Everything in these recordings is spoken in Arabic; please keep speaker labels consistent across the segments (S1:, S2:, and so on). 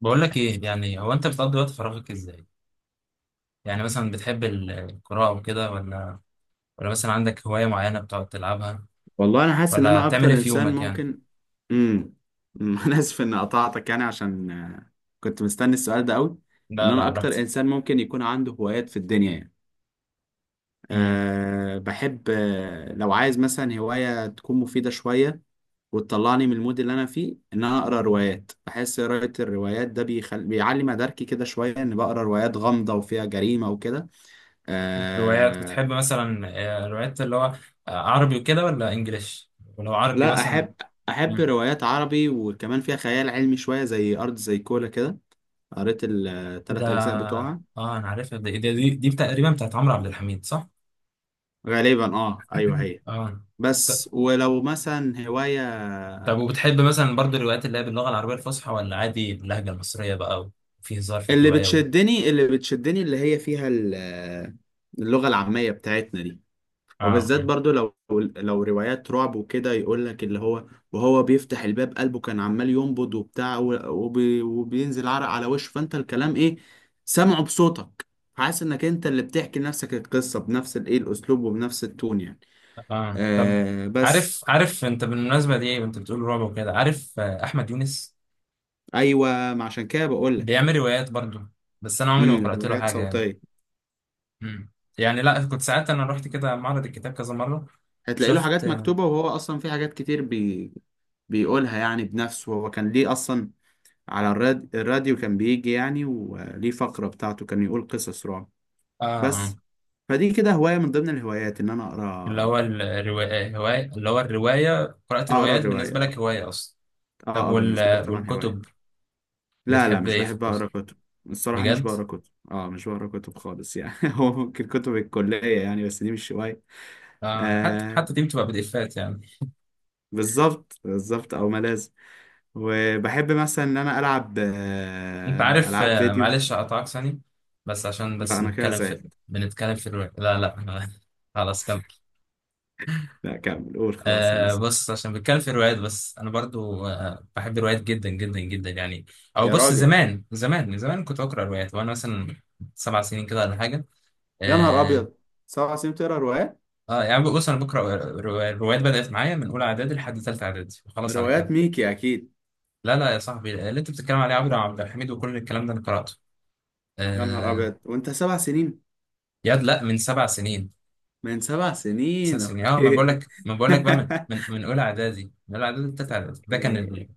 S1: بقول لك ايه يعني هو انت بتقضي وقت فراغك ازاي؟ يعني مثلا بتحب القراءة وكده، ولا مثلا عندك هواية معينة بتقعد تلعبها،
S2: والله انا حاسس ان
S1: ولا
S2: انا اكتر
S1: بتعمل ايه في
S2: انسان
S1: يومك يعني؟
S2: ممكن. امم انا اسف ان قطعتك، يعني عشان كنت مستني السؤال ده قوي. ان
S1: لا لا،
S2: انا اكتر
S1: براحتك.
S2: انسان ممكن يكون عنده هوايات في الدنيا يعني.
S1: امم
S2: بحب لو عايز مثلا هواية تكون مفيدة شوية وتطلعني من المود اللي انا فيه، ان انا اقرا روايات. بحس قراءة الروايات ده بيعلي مداركي كده شوية، ان بقرا روايات غامضة وفيها جريمة وكده.
S1: روايات بتحب
S2: آه،
S1: مثلا؟ روايات اللي هو، عربي وكده ولا انجليش؟ ولو عربي
S2: لا،
S1: مثلا؟
S2: احب
S1: مم.
S2: روايات عربي وكمان فيها خيال علمي شويه، زي ارض زي كولا كده. قريت
S1: ده
S2: الثلاث اجزاء بتوعها.
S1: اه، انا عارفها، دي تقريبا بتاعت عمرو عبد الحميد، صح؟
S2: غالبا، ايوه هي.
S1: اه. ط-
S2: بس ولو مثلا هوايه.
S1: طب، وبتحب مثلا برضو الروايات اللي هي باللغة العربية الفصحى ولا عادي باللهجة المصرية بقى؟ وفي هزار في
S2: اللي
S1: الرواية.
S2: بتشدني اللي بتشدني اللي هي فيها اللغه العاميه بتاعتنا دي.
S1: اه
S2: وبالذات برضو، لو روايات رعب وكده يقول لك اللي هو، وهو بيفتح الباب قلبه كان عمال ينبض وبتاع وبينزل عرق على وشه، فانت الكلام ايه، سامعه بصوتك. حاسس انك انت اللي بتحكي لنفسك القصة بنفس الاسلوب وبنفس التون يعني.
S1: اه طب،
S2: بس.
S1: عارف انت بالمناسبه دي، وانت بتقول رعب وكده، عارف، احمد يونس
S2: ايوه ما عشان كده بقول لك.
S1: بيعمل روايات برضو. بس انا عمري ما قرات له
S2: روايات
S1: حاجه يعني.
S2: صوتية.
S1: مم. يعني لا، كنت ساعات انا رحت كده معرض الكتاب كذا مره،
S2: هتلاقي له
S1: شفت،
S2: حاجات
S1: اه.
S2: مكتوبة، وهو اصلا في حاجات كتير بيقولها يعني بنفسه. هو كان ليه اصلا على الراديو. كان بيجي يعني وليه فقرة بتاعته كان يقول قصص رعب.
S1: اه،
S2: بس. فدي كده هواية من ضمن الهوايات، إن أنا
S1: اللي
S2: أقرأ.
S1: هو الروايه هوايه، اللي هو الروايه، قرات
S2: أقرأ
S1: روايات
S2: الرواية.
S1: بالنسبه لك
S2: أه،
S1: هوايه اصلا؟ طب
S2: أه، بالنسبة لي
S1: وال...
S2: طبعا هواية.
S1: والكتب؟
S2: لا، لا،
S1: بتحب
S2: مش
S1: ايه في
S2: بحب
S1: الكتب؟
S2: أقرأ كتب. الصراحة مش
S1: بجد؟
S2: بقرأ كتب، مش بقرأ كتب خالص يعني. هو ممكن كتب الكلية يعني، بس دي مش هواية.
S1: اه،
S2: آه
S1: حتى دي بتبقى بديفات يعني.
S2: بالظبط بالظبط، أو ما لازم. وبحب مثلا إن أنا ألعب
S1: انت عارف،
S2: ألعاب فيديو.
S1: معلش اقطعك ثانية، بس عشان
S2: لا، أنا كده
S1: نتكلم في
S2: زعلت.
S1: بنتكلم في الروايات لا لا خلاص كمل.
S2: لا كمل قول. خلاص أنا
S1: آه، بص، عشان بنتكلم في الروايات، بس انا برضو بحب الروايات جدا جدا جدا يعني. او
S2: يا
S1: بص،
S2: راجل!
S1: زمان زمان من زمان كنت بقرا روايات، وانا مثلا 7 سنين كده ولا حاجة.
S2: يا نهار
S1: اه.
S2: ابيض! سبع سنين بتقرا روايات؟
S1: يعني بص انا بقرا الروايات، بدأت معايا من اولى اعدادي لحد ثالثه اعدادي وخلاص على كده.
S2: روايات ميكي اكيد.
S1: لا لا يا صاحبي، اللي انت بتتكلم عليه عبد الحميد وكل الكلام ده انا قرأته.
S2: يا نهار
S1: آه.
S2: ابيض! وانت 7 سنين؟
S1: ياد، لا، من 7 سنين
S2: من 7 سنين؟
S1: اساسا. اه،
S2: اوكي.
S1: ما بقول لك بقى، من اولى اعدادي، بتاعت اعدادي، ده كان
S2: أوكي.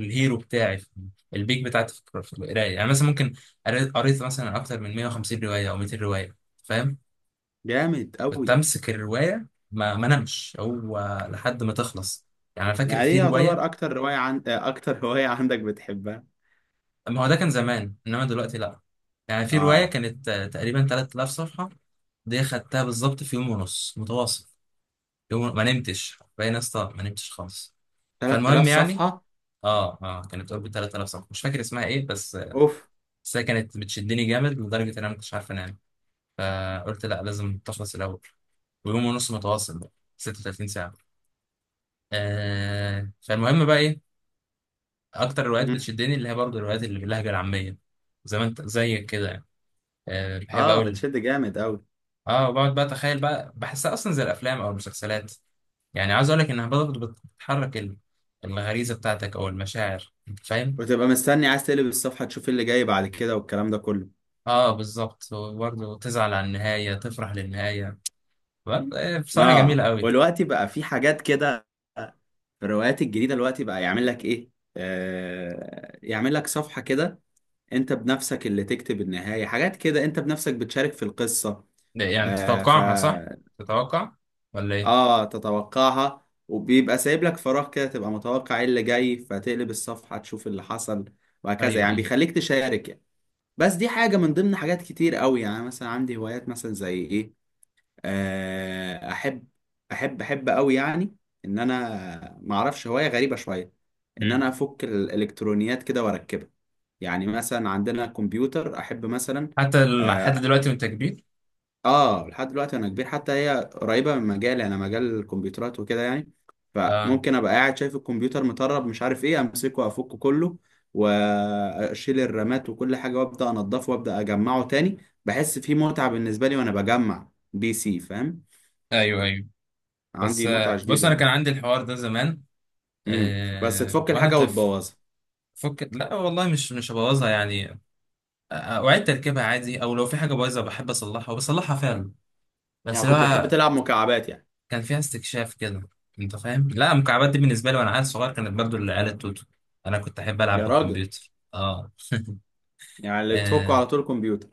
S1: الهيرو بتاعي في البيك بتاعتي في في القرايه، يعني مثلا ممكن قريت مثلا اكتر من 150 روايه او 200 روايه، فاهم؟
S2: جامد
S1: كنت
S2: قوي.
S1: امسك الروايه، ما نمش، هو لحد ما تخلص، يعني. انا فاكر
S2: يعني ايه
S1: في روايه،
S2: يعتبر اكتر رواية عن... آه، اكتر رواية عندك بتحبها؟
S1: ما هو ده كان زمان، انما دلوقتي لا. يعني في روايه
S2: اه.
S1: كانت، تقريبا 3000 صفحه، دي خدتها بالظبط في يوم ونص متواصل، يوم ما نمتش باين، يا اسطى، ما نمتش خالص.
S2: 3000
S1: فالمهم يعني،
S2: صفحة.
S1: اه كانت اوربت 3000 صفحه، مش فاكر اسمها ايه بس.
S2: اوف.
S1: بس هي كانت بتشدني جامد لدرجه ان انا ما كنتش عارف انام، فقلت لا، لازم تخلص الاول. ويوم ونص متواصل بقى، 36 ساعه. آه، فالمهم بقى ايه؟ اكتر الروايات
S2: مم.
S1: بتشدني اللي هي برضه الروايات اللي باللهجه العاميه، زي ما انت زي كده يعني. بحب
S2: اه.
S1: اقول.
S2: بتشد جامد قوي.
S1: اه، وبقعد بقى اتخيل بقى، بحسها اصلا زي الافلام او المسلسلات، يعني عايز اقول لك انها برضه بتحرك الغريزه بتاعتك او المشاعر، انت فاهم؟
S2: وتبقى مستني عايز تقلب الصفحة، تشوف إيه اللي جاي بعد كده والكلام ده كله.
S1: اه، بالظبط، وبرضه تزعل على النهاية، تفرح للنهاية، برضه، بصراحة جميلة
S2: اه.
S1: قوي.
S2: والوقت بقى في حاجات كده، في الروايات الجديدة دلوقتي بقى يعمل لك ايه؟ يعمل لك صفحة كده، انت بنفسك اللي تكتب النهاية. حاجات كده، انت بنفسك بتشارك في القصة.
S1: ده يعني
S2: آه ف
S1: تتوقعها، صح؟ تتوقع ولا ايه؟
S2: اه تتوقعها، وبيبقى سايب لك فراغ كده تبقى متوقع ايه اللي جاي، فتقلب الصفحة تشوف اللي حصل. وهكذا
S1: ايوه،
S2: يعني،
S1: ايوه.
S2: بيخليك تشارك يعني. بس دي حاجة من ضمن حاجات كتير قوي يعني. مثلا عندي هوايات، مثلا زي ايه؟ احب، احب، احب قوي يعني، ان انا ما اعرفش، هوايه غريبه شويه، ان انا
S1: مم.
S2: افك الالكترونيات كده واركبها. يعني مثلا عندنا كمبيوتر، احب مثلا.
S1: حتى لحد
S2: اه.
S1: دلوقتي وانت كبير؟
S2: لحد دلوقتي انا كبير، حتى هي قريبه من مجالي، انا مجال الكمبيوترات وكده يعني.
S1: اه.
S2: فممكن ابقى قاعد شايف الكمبيوتر مطرب مش عارف ايه، امسكه افكه كله، واشيل الرامات وكل حاجه، وابدا انضفه، وابدا اجمعه تاني. بحس فيه متعه بالنسبه لي وانا بجمع PC، فاهم.
S1: ايوه، ايوه. بس
S2: عندي متعة
S1: بص،
S2: جديدة
S1: انا كان
S2: يعني.
S1: عندي الحوار ده زمان،
S2: بس تفك
S1: وانا
S2: الحاجة
S1: طفل.
S2: وتبوظها؟
S1: فك، لا والله، مش هبوظها يعني. اعيد تركيبها عادي، او لو في حاجة بايظة بحب اصلحها، وبصلحها فعلا، بس
S2: يعني
S1: لو
S2: كنت بتحب تلعب مكعبات يعني؟
S1: كان فيها استكشاف كده. انت فاهم؟ لا، المكعبات دي بالنسبه لي وانا عيل صغير كانت برضو العيال التوتو، انا كنت احب العب
S2: يا راجل!
S1: بالكمبيوتر، اه,
S2: يعني اللي تفكه
S1: آه.
S2: على طول الكمبيوتر.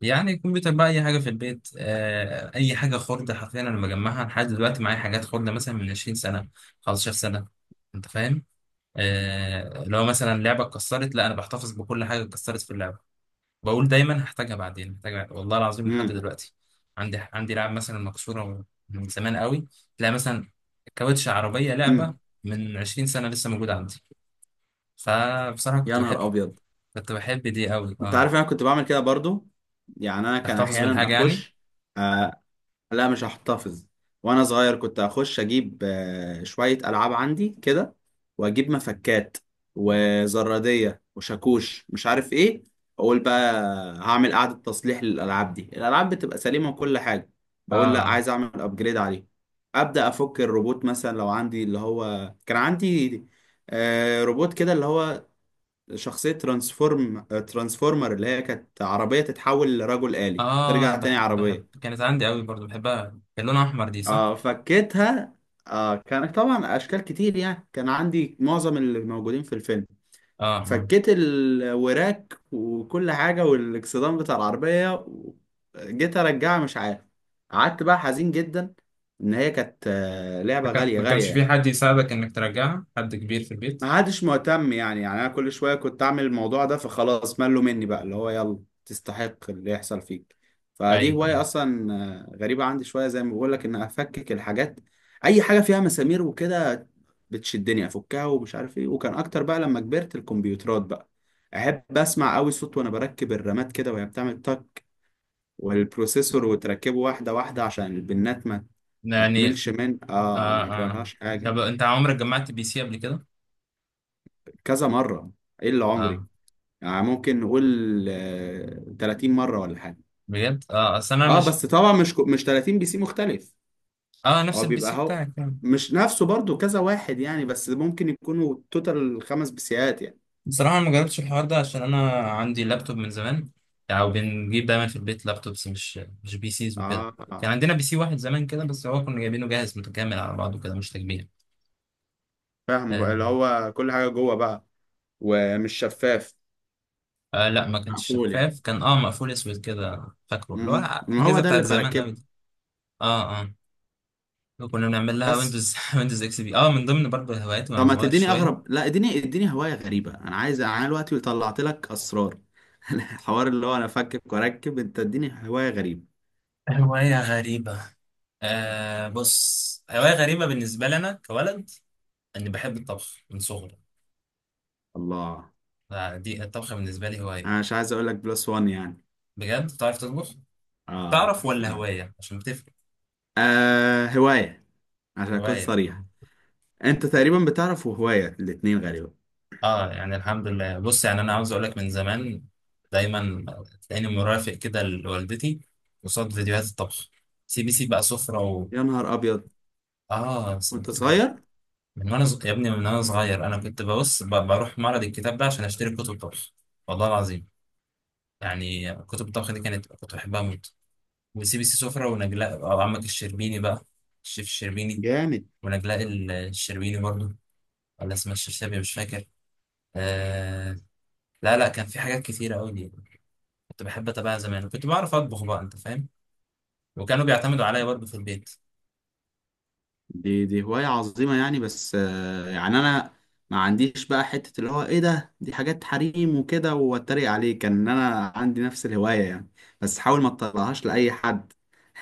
S1: يعني الكمبيوتر بقى اي حاجه في البيت، اي حاجه خرده، حرفيا انا بجمعها لحد دلوقتي، معايا حاجات خرده مثلا من 20 سنه، 15 سنه، انت فاهم؟ لو مثلا لعبه اتكسرت، لا انا بحتفظ بكل حاجه اتكسرت في اللعبه، بقول دايما هحتاجها بعدين، محتاجها بعدين. والله العظيم لحد
S2: امم
S1: دلوقتي عندي لعب مثلا مكسوره من زمان قوي، تلاقي مثلا كاوتش عربيه لعبه
S2: امم
S1: من 20 سنه لسه موجوده عندي. فبصراحه
S2: يا نهار ابيض!
S1: كنت بحب دي قوي،
S2: انت
S1: اه.
S2: عارف انا كنت بعمل كده برضو. يعني انا كان
S1: تحتفظ
S2: احيانا
S1: بالحاجه يعني؟
S2: اخش. آه، لا مش هحتفظ. وانا صغير كنت اخش، اجيب شوية العاب عندي كده، واجيب مفكات وزرادية وشاكوش مش عارف ايه. اقول بقى هعمل قعدة تصليح للالعاب. دي الالعاب بتبقى سليمة وكل حاجة، بقول لا،
S1: اه،
S2: عايز اعمل ابجريد عليه. ابدا افك الروبوت، مثلا لو عندي اللي هو. كان عندي روبوت كده اللي هو شخصية ترانسفورمر، اللي هي كانت عربية تتحول لرجل آلي
S1: اه،
S2: ترجع تاني
S1: بحب،
S2: عربية.
S1: كانت عندي قوي برضو بحبها، كان لونها احمر، دي صح؟
S2: اه فكيتها. كانت طبعا اشكال كتير يعني، كان عندي معظم اللي موجودين في الفيلم.
S1: اه، آه.
S2: فكيت الوراك وكل حاجه والاكسدام بتاع العربيه جيت ارجعها مش عارف. قعدت بقى حزين جدا، ان هي كانت لعبه غاليه
S1: ما
S2: غاليه
S1: كانش في
S2: يعني.
S1: حد يساعدك انك ترجعها، حد كبير في البيت؟
S2: ما عادش مهتم يعني، انا كل شويه كنت اعمل الموضوع ده، فخلاص ملوا مني بقى اللي هو. يلا، تستحق اللي يحصل فيك. فدي
S1: ايوه،
S2: هوايه
S1: ايوه
S2: اصلا. غريبه عندي شويه، زي ما بقول لك، ان افكك الحاجات. اي حاجه فيها مسامير وكده بتشدني افكها ومش عارف ايه. وكان اكتر بقى لما كبرت الكمبيوترات بقى، احب اسمع قوي صوت وانا بركب الرامات كده وهي بتعمل تك، والبروسيسور وتركبه واحده واحده، عشان البنات ما
S1: يعني.
S2: تملش من
S1: اه،
S2: ما
S1: اه.
S2: يجرالهاش حاجه.
S1: طب انت عمرك جمعت بي سي قبل كده؟
S2: كذا مره. ايه اللي عمري؟
S1: اه.
S2: يعني ممكن نقول 30 مرة ولا حاجة.
S1: بجد، اه، اصل انا
S2: اه
S1: مش.
S2: بس طبعا مش مش 30 PC مختلف.
S1: اه، نفس
S2: هو
S1: البي سي
S2: بيبقى هو،
S1: بتاعك يعني؟
S2: مش نفسه برضو. كذا واحد يعني، بس ممكن يكونوا توتال 5 بيسيات يعني.
S1: بصراحه أنا ما جربتش الحوار ده، عشان انا عندي لابتوب من زمان، او بنجيب دايما في البيت لابتوبس، مش بي سيز وكده.
S2: اه.
S1: كان عندنا بي سي واحد زمان كده، بس هو كنا جايبينه جاهز متكامل على بعضه كده، مش تجميع.
S2: فاهمه بقى
S1: آه.
S2: اللي هو كل حاجة جوه بقى، ومش شفاف.
S1: آه لا، ما كانش
S2: مقفول يعني؟
S1: شفاف، كان مقفول اسود كده، فاكره اللي هو
S2: م- م. ما هو
S1: الاجهزه
S2: ده
S1: بتاعت
S2: اللي
S1: زمان
S2: بركبه.
S1: قوي دي. اه، اه. وكنا بنعمل لها
S2: بس
S1: ويندوز ويندوز اكس بي اه، من ضمن برضه هواياتي وانا
S2: طب ما
S1: صغير
S2: تديني اغرب.
S1: شويه.
S2: لا، اديني هواية غريبة. انا عايز. انا دلوقتي طلعت لك اسرار. الحوار اللي هو انا افكك واركب. انت اديني هواية غريبة.
S1: هواية غريبة. آه، بص، هواية غريبة بالنسبة لنا كولد، اني بحب الطبخ من صغري.
S2: الله!
S1: دي، الطبخ بالنسبه لي هوايه.
S2: انا مش عايز اقول لك بلس وان يعني.
S1: بجد بتعرف تطبخ؟
S2: اه.
S1: تعرف ولا هوايه؟ عشان بتفرق.
S2: هواية، عشان اكون
S1: هوايه.
S2: صريح. انت تقريبا بتعرف وهواية الاتنين غالبا.
S1: اه، يعني الحمد لله، بص يعني انا عاوز اقول لك، من زمان دايما تلاقيني مرافق كده لوالدتي قصاد فيديوهات الطبخ، سي بي سي بقى سفره.
S2: يا نهار ابيض!
S1: اه،
S2: وانت
S1: كنت بحب
S2: صغير؟
S1: من وانا يا ابني، من وانا صغير انا كنت بروح معرض الكتاب ده عشان اشتري كتب طبخ. والله العظيم، يعني كتب الطبخ دي كانت كنت بحبها موت، وسيبي سي سفرة ونجلاء، أو عمك الشربيني بقى، الشيف الشربيني،
S2: جامد!
S1: ونجلاء الشربيني برضو، ولا اسمها الشرشابي مش فاكر. آه. لا لا، كان في حاجات كتيرة أوي دي، كنت بحب أتابعها زمان، وكنت بعرف أطبخ بقى، أنت فاهم؟ وكانوا بيعتمدوا عليا برضو في البيت.
S2: دي هواية عظيمة يعني. بس يعني انا ما عنديش بقى حتة اللي هو ايه ده، دي حاجات حريم وكده واتريق عليه، كان ان انا عندي نفس الهواية يعني. بس حاول ما تطلعهاش لأي حد.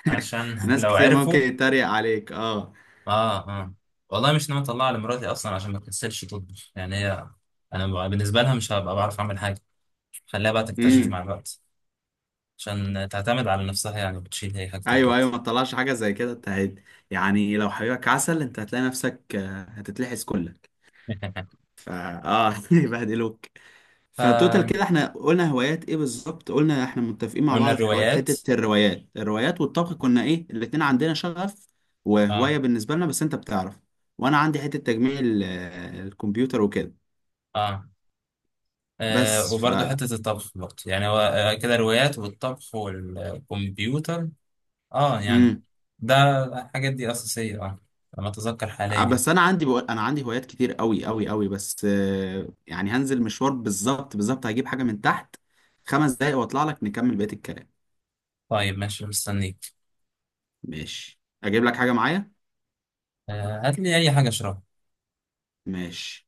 S1: عشان
S2: ناس
S1: لو
S2: كتير ممكن
S1: عرفوا.
S2: يتريق عليك. اه.
S1: آه، آه. والله مش ناوي أطلعها لمراتي أصلا، عشان ما تكسلش تطبخ، يعني هي أنا بالنسبة لها مش هبقى بعرف أعمل حاجة، خليها بقى تكتشف
S2: امم
S1: مع الوقت، عشان تعتمد على نفسها يعني، وتشيل هي حاجة
S2: ايوه،
S1: البيت.
S2: ايوه، ما تطلعش حاجه زي كده. انت يعني لو حبيبك عسل انت هتلاقي نفسك هتتلحس كلك. فا اه يبهدلوك. فتوتال كده،
S1: ف
S2: احنا قلنا هوايات ايه بالظبط؟ قلنا احنا متفقين مع
S1: قلنا
S2: بعض في
S1: الروايات.
S2: حته الروايات والطبخ. كنا ايه، الاتنين عندنا شغف
S1: اه
S2: وهوايه بالنسبه لنا. بس انت بتعرف، وانا عندي حته تجميع الكمبيوتر وكده.
S1: اه,
S2: بس
S1: وبرضه حتة الطبخ، برضه يعني هو كده، الروايات والطبخ والكمبيوتر. اه يعني،
S2: مم.
S1: ده الحاجات دي أساسية، اه، لما أتذكر حاليا يعني.
S2: بس انا عندي، بقول انا عندي هوايات كتير قوي قوي قوي. بس يعني هنزل مشوار. بالظبط بالظبط، هجيب حاجه من تحت. 5 دقايق واطلع لك نكمل بقيه الكلام.
S1: طيب ماشي، مستنيك.
S2: ماشي. اجيب لك حاجه معايا.
S1: آه، هات لي أي حاجة أشربها.
S2: ماشي.